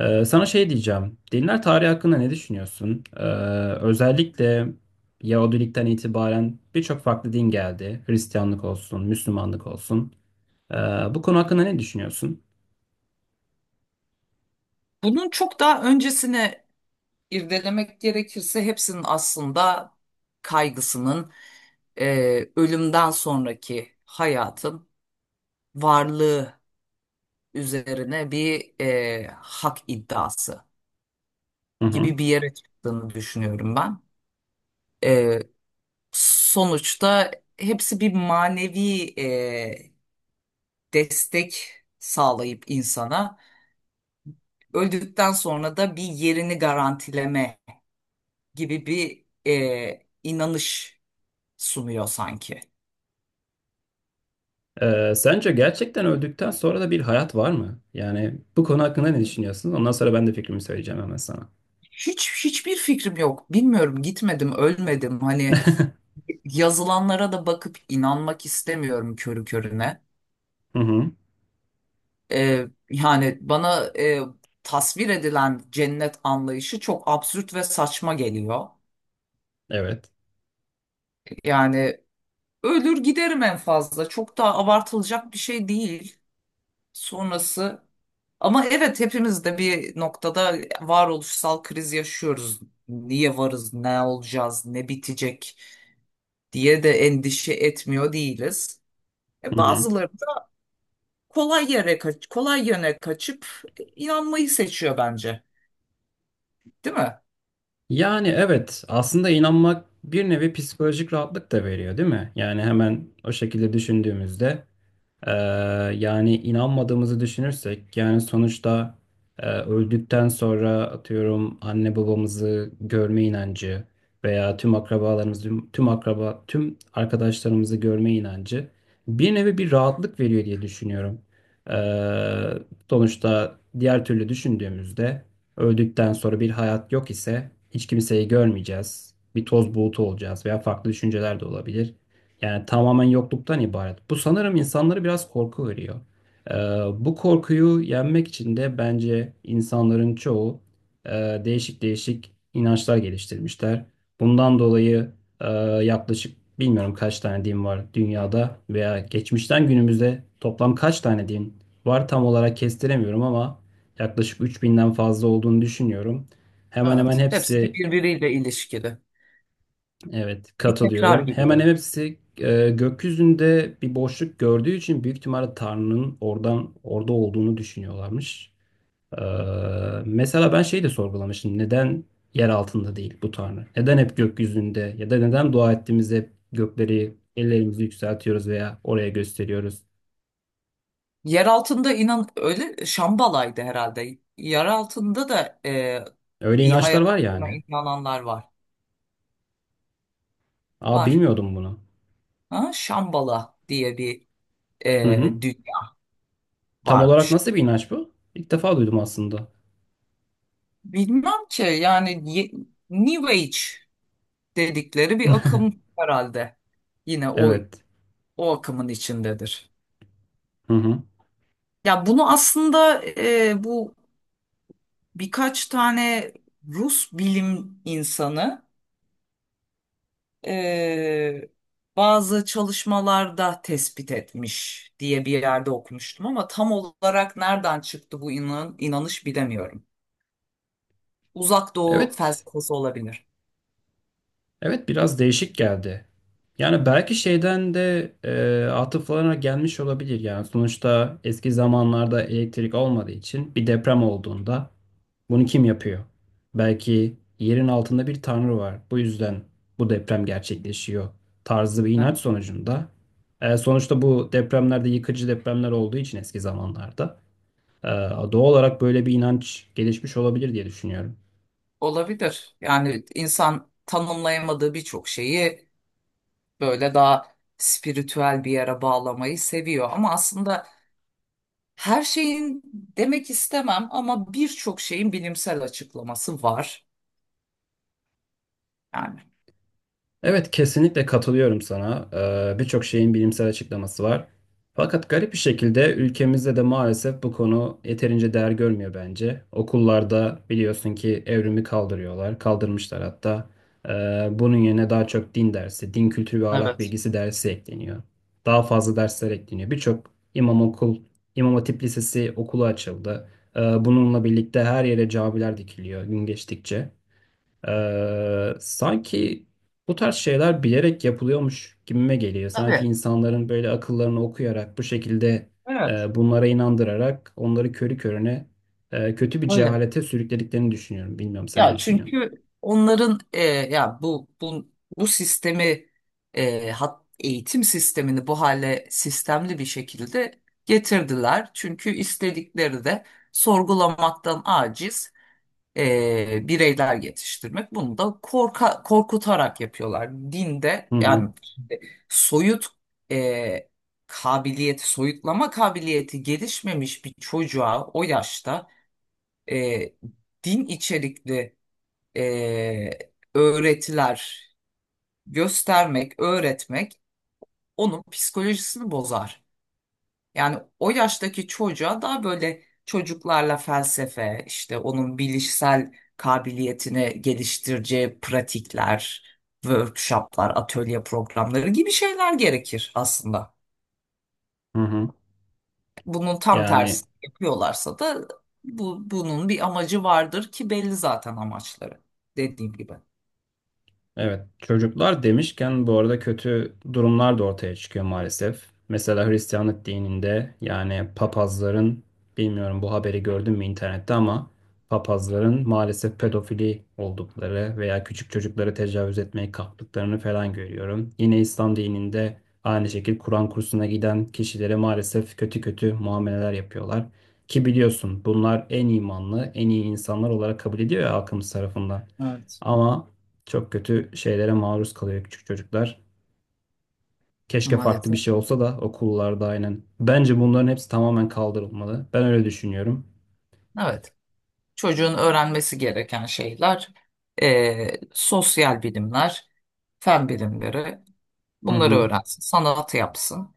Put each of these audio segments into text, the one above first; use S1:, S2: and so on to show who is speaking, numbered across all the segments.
S1: Sana şey diyeceğim. Dinler tarihi hakkında ne düşünüyorsun? Özellikle Yahudilikten itibaren birçok farklı din geldi. Hristiyanlık olsun, Müslümanlık olsun. Ee, bu konu hakkında ne düşünüyorsun?
S2: Bunun çok daha öncesine irdelemek gerekirse hepsinin aslında kaygısının e, ölümden sonraki hayatın varlığı üzerine bir hak iddiası
S1: Hı hı.
S2: gibi bir yere çıktığını düşünüyorum ben. E, sonuçta hepsi bir manevi destek sağlayıp insana öldükten sonra da bir yerini garantileme gibi bir inanış sunuyor sanki.
S1: Sence gerçekten öldükten sonra da bir hayat var mı? Yani bu konu hakkında ne düşünüyorsun? Ondan sonra ben de fikrimi söyleyeceğim hemen sana.
S2: Hiçbir fikrim yok. Bilmiyorum, gitmedim, ölmedim. Hani yazılanlara da bakıp inanmak istemiyorum körü körüne.
S1: Hı hı.
S2: Yani bana tasvir edilen cennet anlayışı çok absürt ve saçma geliyor.
S1: Evet.
S2: Yani ölür giderim en fazla. Çok da abartılacak bir şey değil. Sonrası ama evet, hepimiz de bir noktada varoluşsal kriz yaşıyoruz. Niye varız, ne olacağız, ne bitecek, diye de endişe etmiyor değiliz. E,
S1: Hı hı.
S2: bazıları da kolay yöne kaçıp inanmayı seçiyor bence. Değil mi?
S1: Yani evet, aslında inanmak bir nevi psikolojik rahatlık da veriyor, değil mi? Yani hemen o şekilde düşündüğümüzde. Ee, yani inanmadığımızı düşünürsek, yani sonuçta öldükten sonra atıyorum anne babamızı görme inancı veya tüm akrabalarımızı, tüm akraba, tüm arkadaşlarımızı görme inancı bir nevi bir rahatlık veriyor diye düşünüyorum. Ee, sonuçta diğer türlü düşündüğümüzde öldükten sonra bir hayat yok ise hiç kimseyi görmeyeceğiz. Bir toz bulutu olacağız veya farklı düşünceler de olabilir. Yani tamamen yokluktan ibaret. Bu sanırım insanları biraz korku veriyor. Ee, bu korkuyu yenmek için de bence insanların çoğu e, değişik değişik inançlar geliştirmişler. Bundan dolayı e, yaklaşık bilmiyorum kaç tane din var dünyada veya geçmişten günümüzde toplam kaç tane din var tam olarak kestiremiyorum, ama yaklaşık 3000'den fazla olduğunu düşünüyorum. Hemen hemen
S2: Evet. Hepsi de
S1: hepsi.
S2: birbiriyle ilişkili.
S1: Evet,
S2: Bir tekrar
S1: katılıyorum.
S2: gibi
S1: Hemen
S2: de.
S1: hepsi gökyüzünde bir boşluk gördüğü için büyük ihtimalle Tanrı'nın oradan, orada olduğunu düşünüyorlarmış. E, mesela ben şeyi de sorgulamıştım. Neden yer altında değil bu Tanrı? Neden hep gökyüzünde? Ya da neden dua ettiğimizde hep gökleri, ellerimizi yükseltiyoruz veya oraya gösteriyoruz?
S2: Yer altında inan öyle Şambala'ydı herhalde. Yer altında da
S1: Öyle
S2: bir
S1: inançlar
S2: hayat
S1: var
S2: olduğuna
S1: yani.
S2: inananlar var.
S1: Aa,
S2: Var.
S1: bilmiyordum bunu.
S2: Ha? Şambala diye bir
S1: Hı hı.
S2: e, dünya
S1: Tam olarak
S2: varmış.
S1: nasıl bir inanç bu? İlk defa duydum aslında.
S2: Bilmem ki yani New Age dedikleri bir akım herhalde. Yine o
S1: Evet.
S2: o akımın içindedir.
S1: Hı hı.
S2: Ya bunu aslında bu birkaç tane Rus bilim insanı e, bazı çalışmalarda tespit etmiş diye bir yerde okumuştum ama tam olarak nereden çıktı bu inanış bilemiyorum. Uzak Doğu
S1: Evet.
S2: felsefesi olabilir.
S1: Evet, biraz değişik geldi. Yani belki şeyden de atıflarına gelmiş olabilir. Yani sonuçta eski zamanlarda elektrik olmadığı için bir deprem olduğunda bunu kim yapıyor? Belki yerin altında bir tanrı var. Bu yüzden bu deprem gerçekleşiyor tarzı bir
S2: Hı.
S1: inanç sonucunda. Sonuçta bu depremlerde yıkıcı depremler olduğu için eski zamanlarda e, doğal olarak böyle bir inanç gelişmiş olabilir diye düşünüyorum.
S2: Olabilir. Yani insan tanımlayamadığı birçok şeyi böyle daha spiritüel bir yere bağlamayı seviyor. Ama aslında her şeyin demek istemem ama birçok şeyin bilimsel açıklaması var yani.
S1: Evet, kesinlikle katılıyorum sana. Birçok şeyin bilimsel açıklaması var. Fakat garip bir şekilde ülkemizde de maalesef bu konu yeterince değer görmüyor bence. Okullarda biliyorsun ki evrimi kaldırıyorlar, kaldırmışlar hatta. Bunun yerine daha çok din dersi, din kültürü ve ahlak
S2: Evet.
S1: bilgisi dersi ekleniyor. Daha fazla dersler ekleniyor. Birçok İmam Hatip Lisesi okulu açıldı. Bununla birlikte her yere camiler dikiliyor gün geçtikçe. Sanki bu tarz şeyler bilerek yapılıyormuş gibime geliyor. Sanki
S2: Tabii.
S1: insanların böyle akıllarını okuyarak bu şekilde
S2: Evet.
S1: bunlara inandırarak onları körü körüne kötü bir
S2: Öyle.
S1: cehalete sürüklediklerini düşünüyorum. Bilmiyorum, sen ne
S2: Ya
S1: düşünüyorsun?
S2: çünkü onların ya bu sistemi eğitim sistemini bu hale sistemli bir şekilde getirdiler. Çünkü istedikleri de sorgulamaktan aciz bireyler yetiştirmek. Bunu da korkutarak yapıyorlar. Dinde
S1: Hı
S2: yani
S1: hı,
S2: soyut e, kabiliyeti, soyutlama kabiliyeti gelişmemiş bir çocuğa o yaşta e, din içerikli e, öğretiler göstermek, öğretmek onun psikolojisini bozar. Yani o yaştaki çocuğa daha böyle çocuklarla felsefe, işte onun bilişsel kabiliyetini geliştireceği pratikler, workshoplar, atölye programları gibi şeyler gerekir aslında.
S1: hı hı.
S2: Bunun tam
S1: Yani.
S2: tersini yapıyorlarsa da bunun bir amacı vardır ki belli zaten amaçları. Dediğim gibi.
S1: Evet, çocuklar demişken bu arada kötü durumlar da ortaya çıkıyor maalesef. Mesela Hristiyanlık dininde yani papazların, bilmiyorum bu haberi gördün mü internette, ama papazların maalesef pedofili oldukları veya küçük çocukları tecavüz etmeye kalktıklarını falan görüyorum. Yine İslam dininde aynı şekilde Kur'an kursuna giden kişilere maalesef kötü kötü muameleler yapıyorlar. Ki biliyorsun bunlar en imanlı, en iyi insanlar olarak kabul ediyor ya halkımız tarafından.
S2: Evet.
S1: Ama çok kötü şeylere maruz kalıyor küçük çocuklar. Keşke farklı bir
S2: Maalesef.
S1: şey olsa da okullarda, aynen. Bence bunların hepsi tamamen kaldırılmalı. Ben öyle düşünüyorum.
S2: Evet. Çocuğun öğrenmesi gereken şeyler sosyal bilimler, fen bilimleri,
S1: Hı
S2: bunları
S1: hı.
S2: öğrensin, sanat yapsın.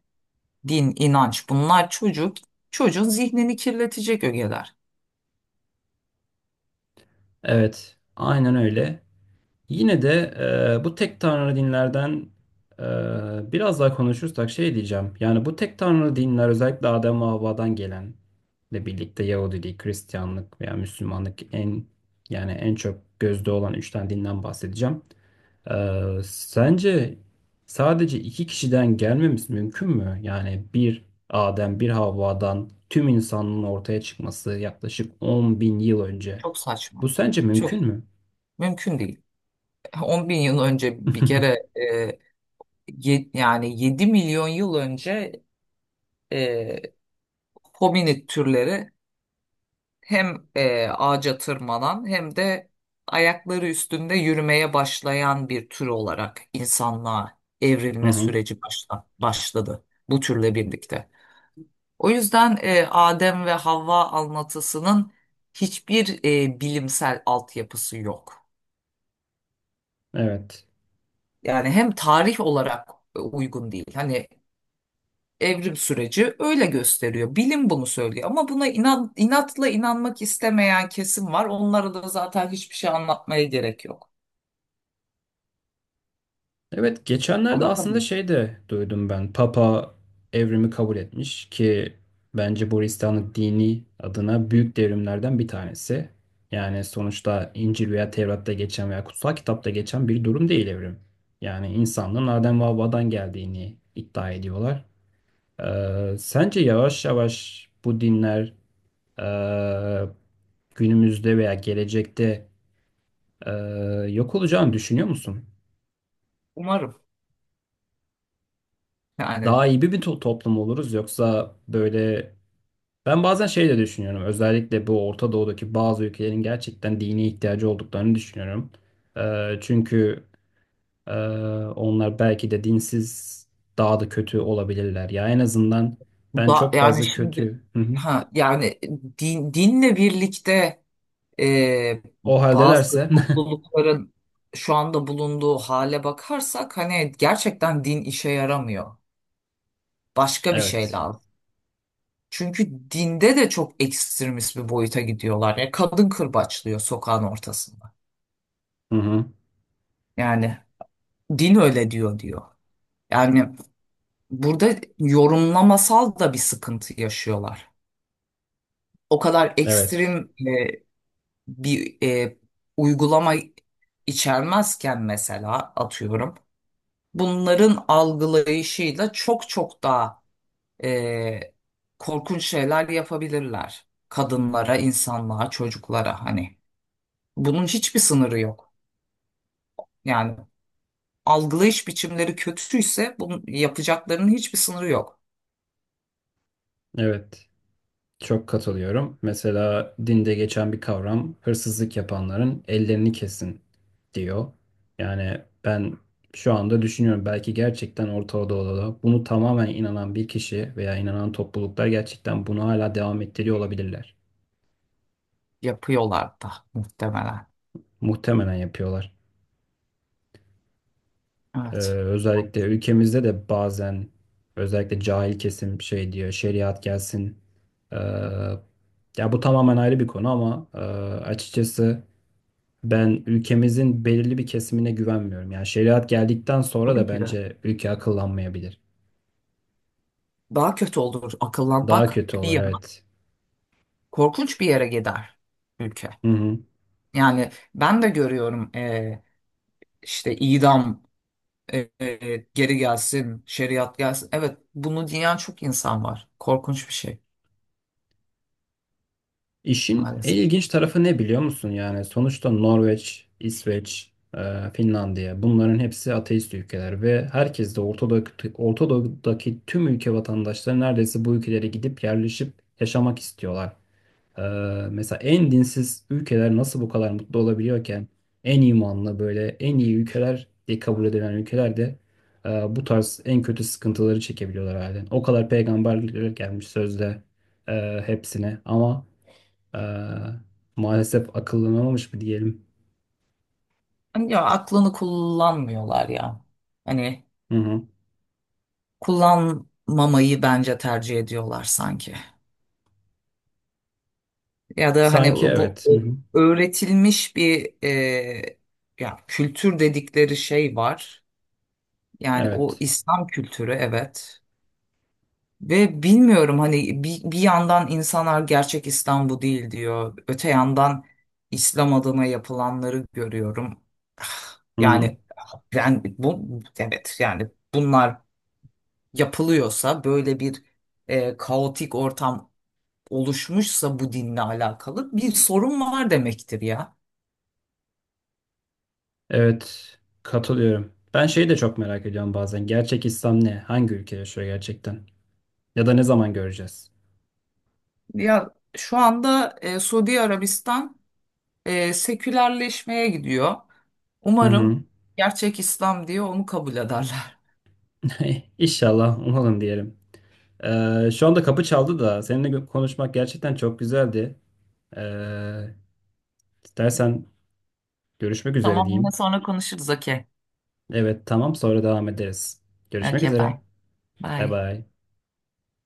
S2: Din, inanç, bunlar çocuğun zihnini kirletecek ögeler.
S1: Evet, aynen öyle. Yine de bu tek tanrı dinlerden biraz daha konuşursak şey diyeceğim. Yani bu tek tanrı dinler, özellikle Adem ve Havva'dan gelen ile birlikte Yahudilik, Hristiyanlık veya Müslümanlık, yani en çok gözde olan üç tane dinden bahsedeceğim. Sence sadece iki kişiden gelmemiz mümkün mü? Yani bir Adem, bir Havva'dan tüm insanlığın ortaya çıkması yaklaşık 10 bin yıl önce.
S2: Çok
S1: Bu
S2: saçma.
S1: sence
S2: Çok
S1: mümkün mü?
S2: mümkün değil. 10 bin yıl önce bir kere yani 7 milyon yıl önce e, hominid türleri hem ağaca tırmanan hem de ayakları üstünde yürümeye başlayan bir tür olarak insanlığa
S1: Hı
S2: evrilme
S1: hı,
S2: süreci başladı bu türle birlikte. O yüzden Adem ve Havva anlatısının hiçbir bilimsel altyapısı yok.
S1: evet.
S2: Yani hem tarih olarak uygun değil. Hani evrim süreci öyle gösteriyor. Bilim bunu söylüyor ama buna inatla inanmak istemeyen kesim var. Onlara da zaten hiçbir şey anlatmaya gerek yok.
S1: Evet, geçenlerde aslında
S2: Anlatabilir.
S1: şey de duydum ben. Papa evrimi kabul etmiş ki bence bu Hristiyanlık dini adına büyük devrimlerden bir tanesi. Yani sonuçta İncil veya Tevrat'ta geçen veya kutsal kitapta geçen bir durum değil evrim. Yani insanlığın Adem ve Havva'dan geldiğini iddia ediyorlar. Sence yavaş yavaş bu dinler ee, günümüzde veya gelecekte ee, yok olacağını düşünüyor musun?
S2: Umarım. Yani
S1: Daha iyi bir toplum oluruz yoksa böyle, ben bazen şey de düşünüyorum, özellikle bu Orta Doğu'daki bazı ülkelerin gerçekten dine ihtiyacı olduklarını düşünüyorum. Çünkü e, onlar belki de dinsiz daha da kötü olabilirler. Ya en azından ben
S2: da
S1: çok
S2: yani
S1: fazla
S2: şimdi
S1: kötü. Hı hı.
S2: ha yani dinle birlikte e,
S1: O
S2: bazı
S1: haldelerse
S2: toplulukların şu anda bulunduğu hale bakarsak hani gerçekten din işe yaramıyor. Başka bir şey
S1: evet.
S2: lazım. Çünkü dinde de çok ekstremist bir boyuta gidiyorlar. Ya kadın kırbaçlıyor sokağın ortasında.
S1: Hı hı.
S2: Yani din öyle diyor diyor. Yani burada yorumlamasal da bir sıkıntı yaşıyorlar. O kadar
S1: Evet.
S2: ekstrem e, bir uygulama içermezken mesela atıyorum bunların algılayışıyla çok çok daha e, korkunç şeyler yapabilirler kadınlara, insanlığa, çocuklara, hani bunun hiçbir sınırı yok. Yani algılayış biçimleri kötüyse bunun yapacaklarının hiçbir sınırı yok.
S1: Evet. Çok katılıyorum. Mesela dinde geçen bir kavram, hırsızlık yapanların ellerini kesin, diyor. Yani ben şu anda düşünüyorum, belki gerçekten Orta Doğu'da bunu tamamen inanan bir kişi veya inanan topluluklar gerçekten bunu hala devam ettiriyor olabilirler.
S2: Yapıyorlar da muhtemelen.
S1: Muhtemelen yapıyorlar. Ee,
S2: Evet.
S1: özellikle ülkemizde de bazen, özellikle cahil kesim şey diyor, şeriat gelsin. Ee, ya bu tamamen ayrı bir konu, ama açıkçası ben ülkemizin belirli bir kesimine güvenmiyorum. Yani şeriat geldikten sonra
S2: Tabii
S1: da
S2: ki de.
S1: bence ülke akıllanmayabilir.
S2: Daha kötü olur
S1: Daha
S2: akıllanmak,
S1: kötü olur,
S2: bir
S1: evet.
S2: korkunç bir yere gider ülke.
S1: Hı hı.
S2: Yani ben de görüyorum işte idam geri gelsin, şeriat gelsin. Evet, bunu diyen çok insan var. Korkunç bir şey
S1: İşin en
S2: maalesef.
S1: ilginç tarafı ne biliyor musun? Yani sonuçta Norveç, İsveç, e, Finlandiya, bunların hepsi ateist ülkeler ve herkes de Ortadoğu'daki, tüm ülke vatandaşları neredeyse bu ülkelere gidip yerleşip yaşamak istiyorlar. Ee, mesela en dinsiz ülkeler nasıl bu kadar mutlu olabiliyorken en imanlı, böyle en iyi ülkeler diye kabul edilen ülkeler de bu tarz en kötü sıkıntıları çekebiliyorlar halen. O kadar peygamber gelmiş sözde hepsine, ama e, maalesef akıllanamamış mı diyelim.
S2: Hani ya aklını kullanmıyorlar ya. Hani
S1: Hı hı.
S2: kullanmamayı bence tercih ediyorlar sanki. Ya da hani
S1: Sanki
S2: bu
S1: evet. Hı hı.
S2: öğretilmiş bir ya kültür dedikleri şey var. Yani o
S1: Evet.
S2: İslam kültürü evet. Ve bilmiyorum hani bir yandan insanlar gerçek İslam bu değil diyor. Öte yandan İslam adına yapılanları görüyorum. Ah,
S1: Hı hı.
S2: yani ben bu evet yani bunlar yapılıyorsa böyle bir kaotik ortam oluşmuşsa bu dinle alakalı bir sorun var demektir ya.
S1: Evet. Katılıyorum. Ben şeyi de çok merak ediyorum bazen. Gerçek İslam ne? Hangi ülke yaşıyor gerçekten? Ya da ne zaman göreceğiz?
S2: Ya şu anda Suudi Arabistan sekülerleşmeye gidiyor.
S1: Hı
S2: Umarım
S1: hı.
S2: gerçek İslam diye onu kabul ederler.
S1: Eh, İnşallah umalım diyelim. Şu anda kapı çaldı da seninle konuşmak gerçekten çok güzeldi. Ee, istersen görüşmek üzere
S2: Tamam, yine
S1: diyeyim.
S2: sonra konuşuruz. Okey.
S1: Evet, tamam, sonra devam ederiz. Görüşmek
S2: Okey, bye.
S1: üzere. Bay
S2: Bye.
S1: bay.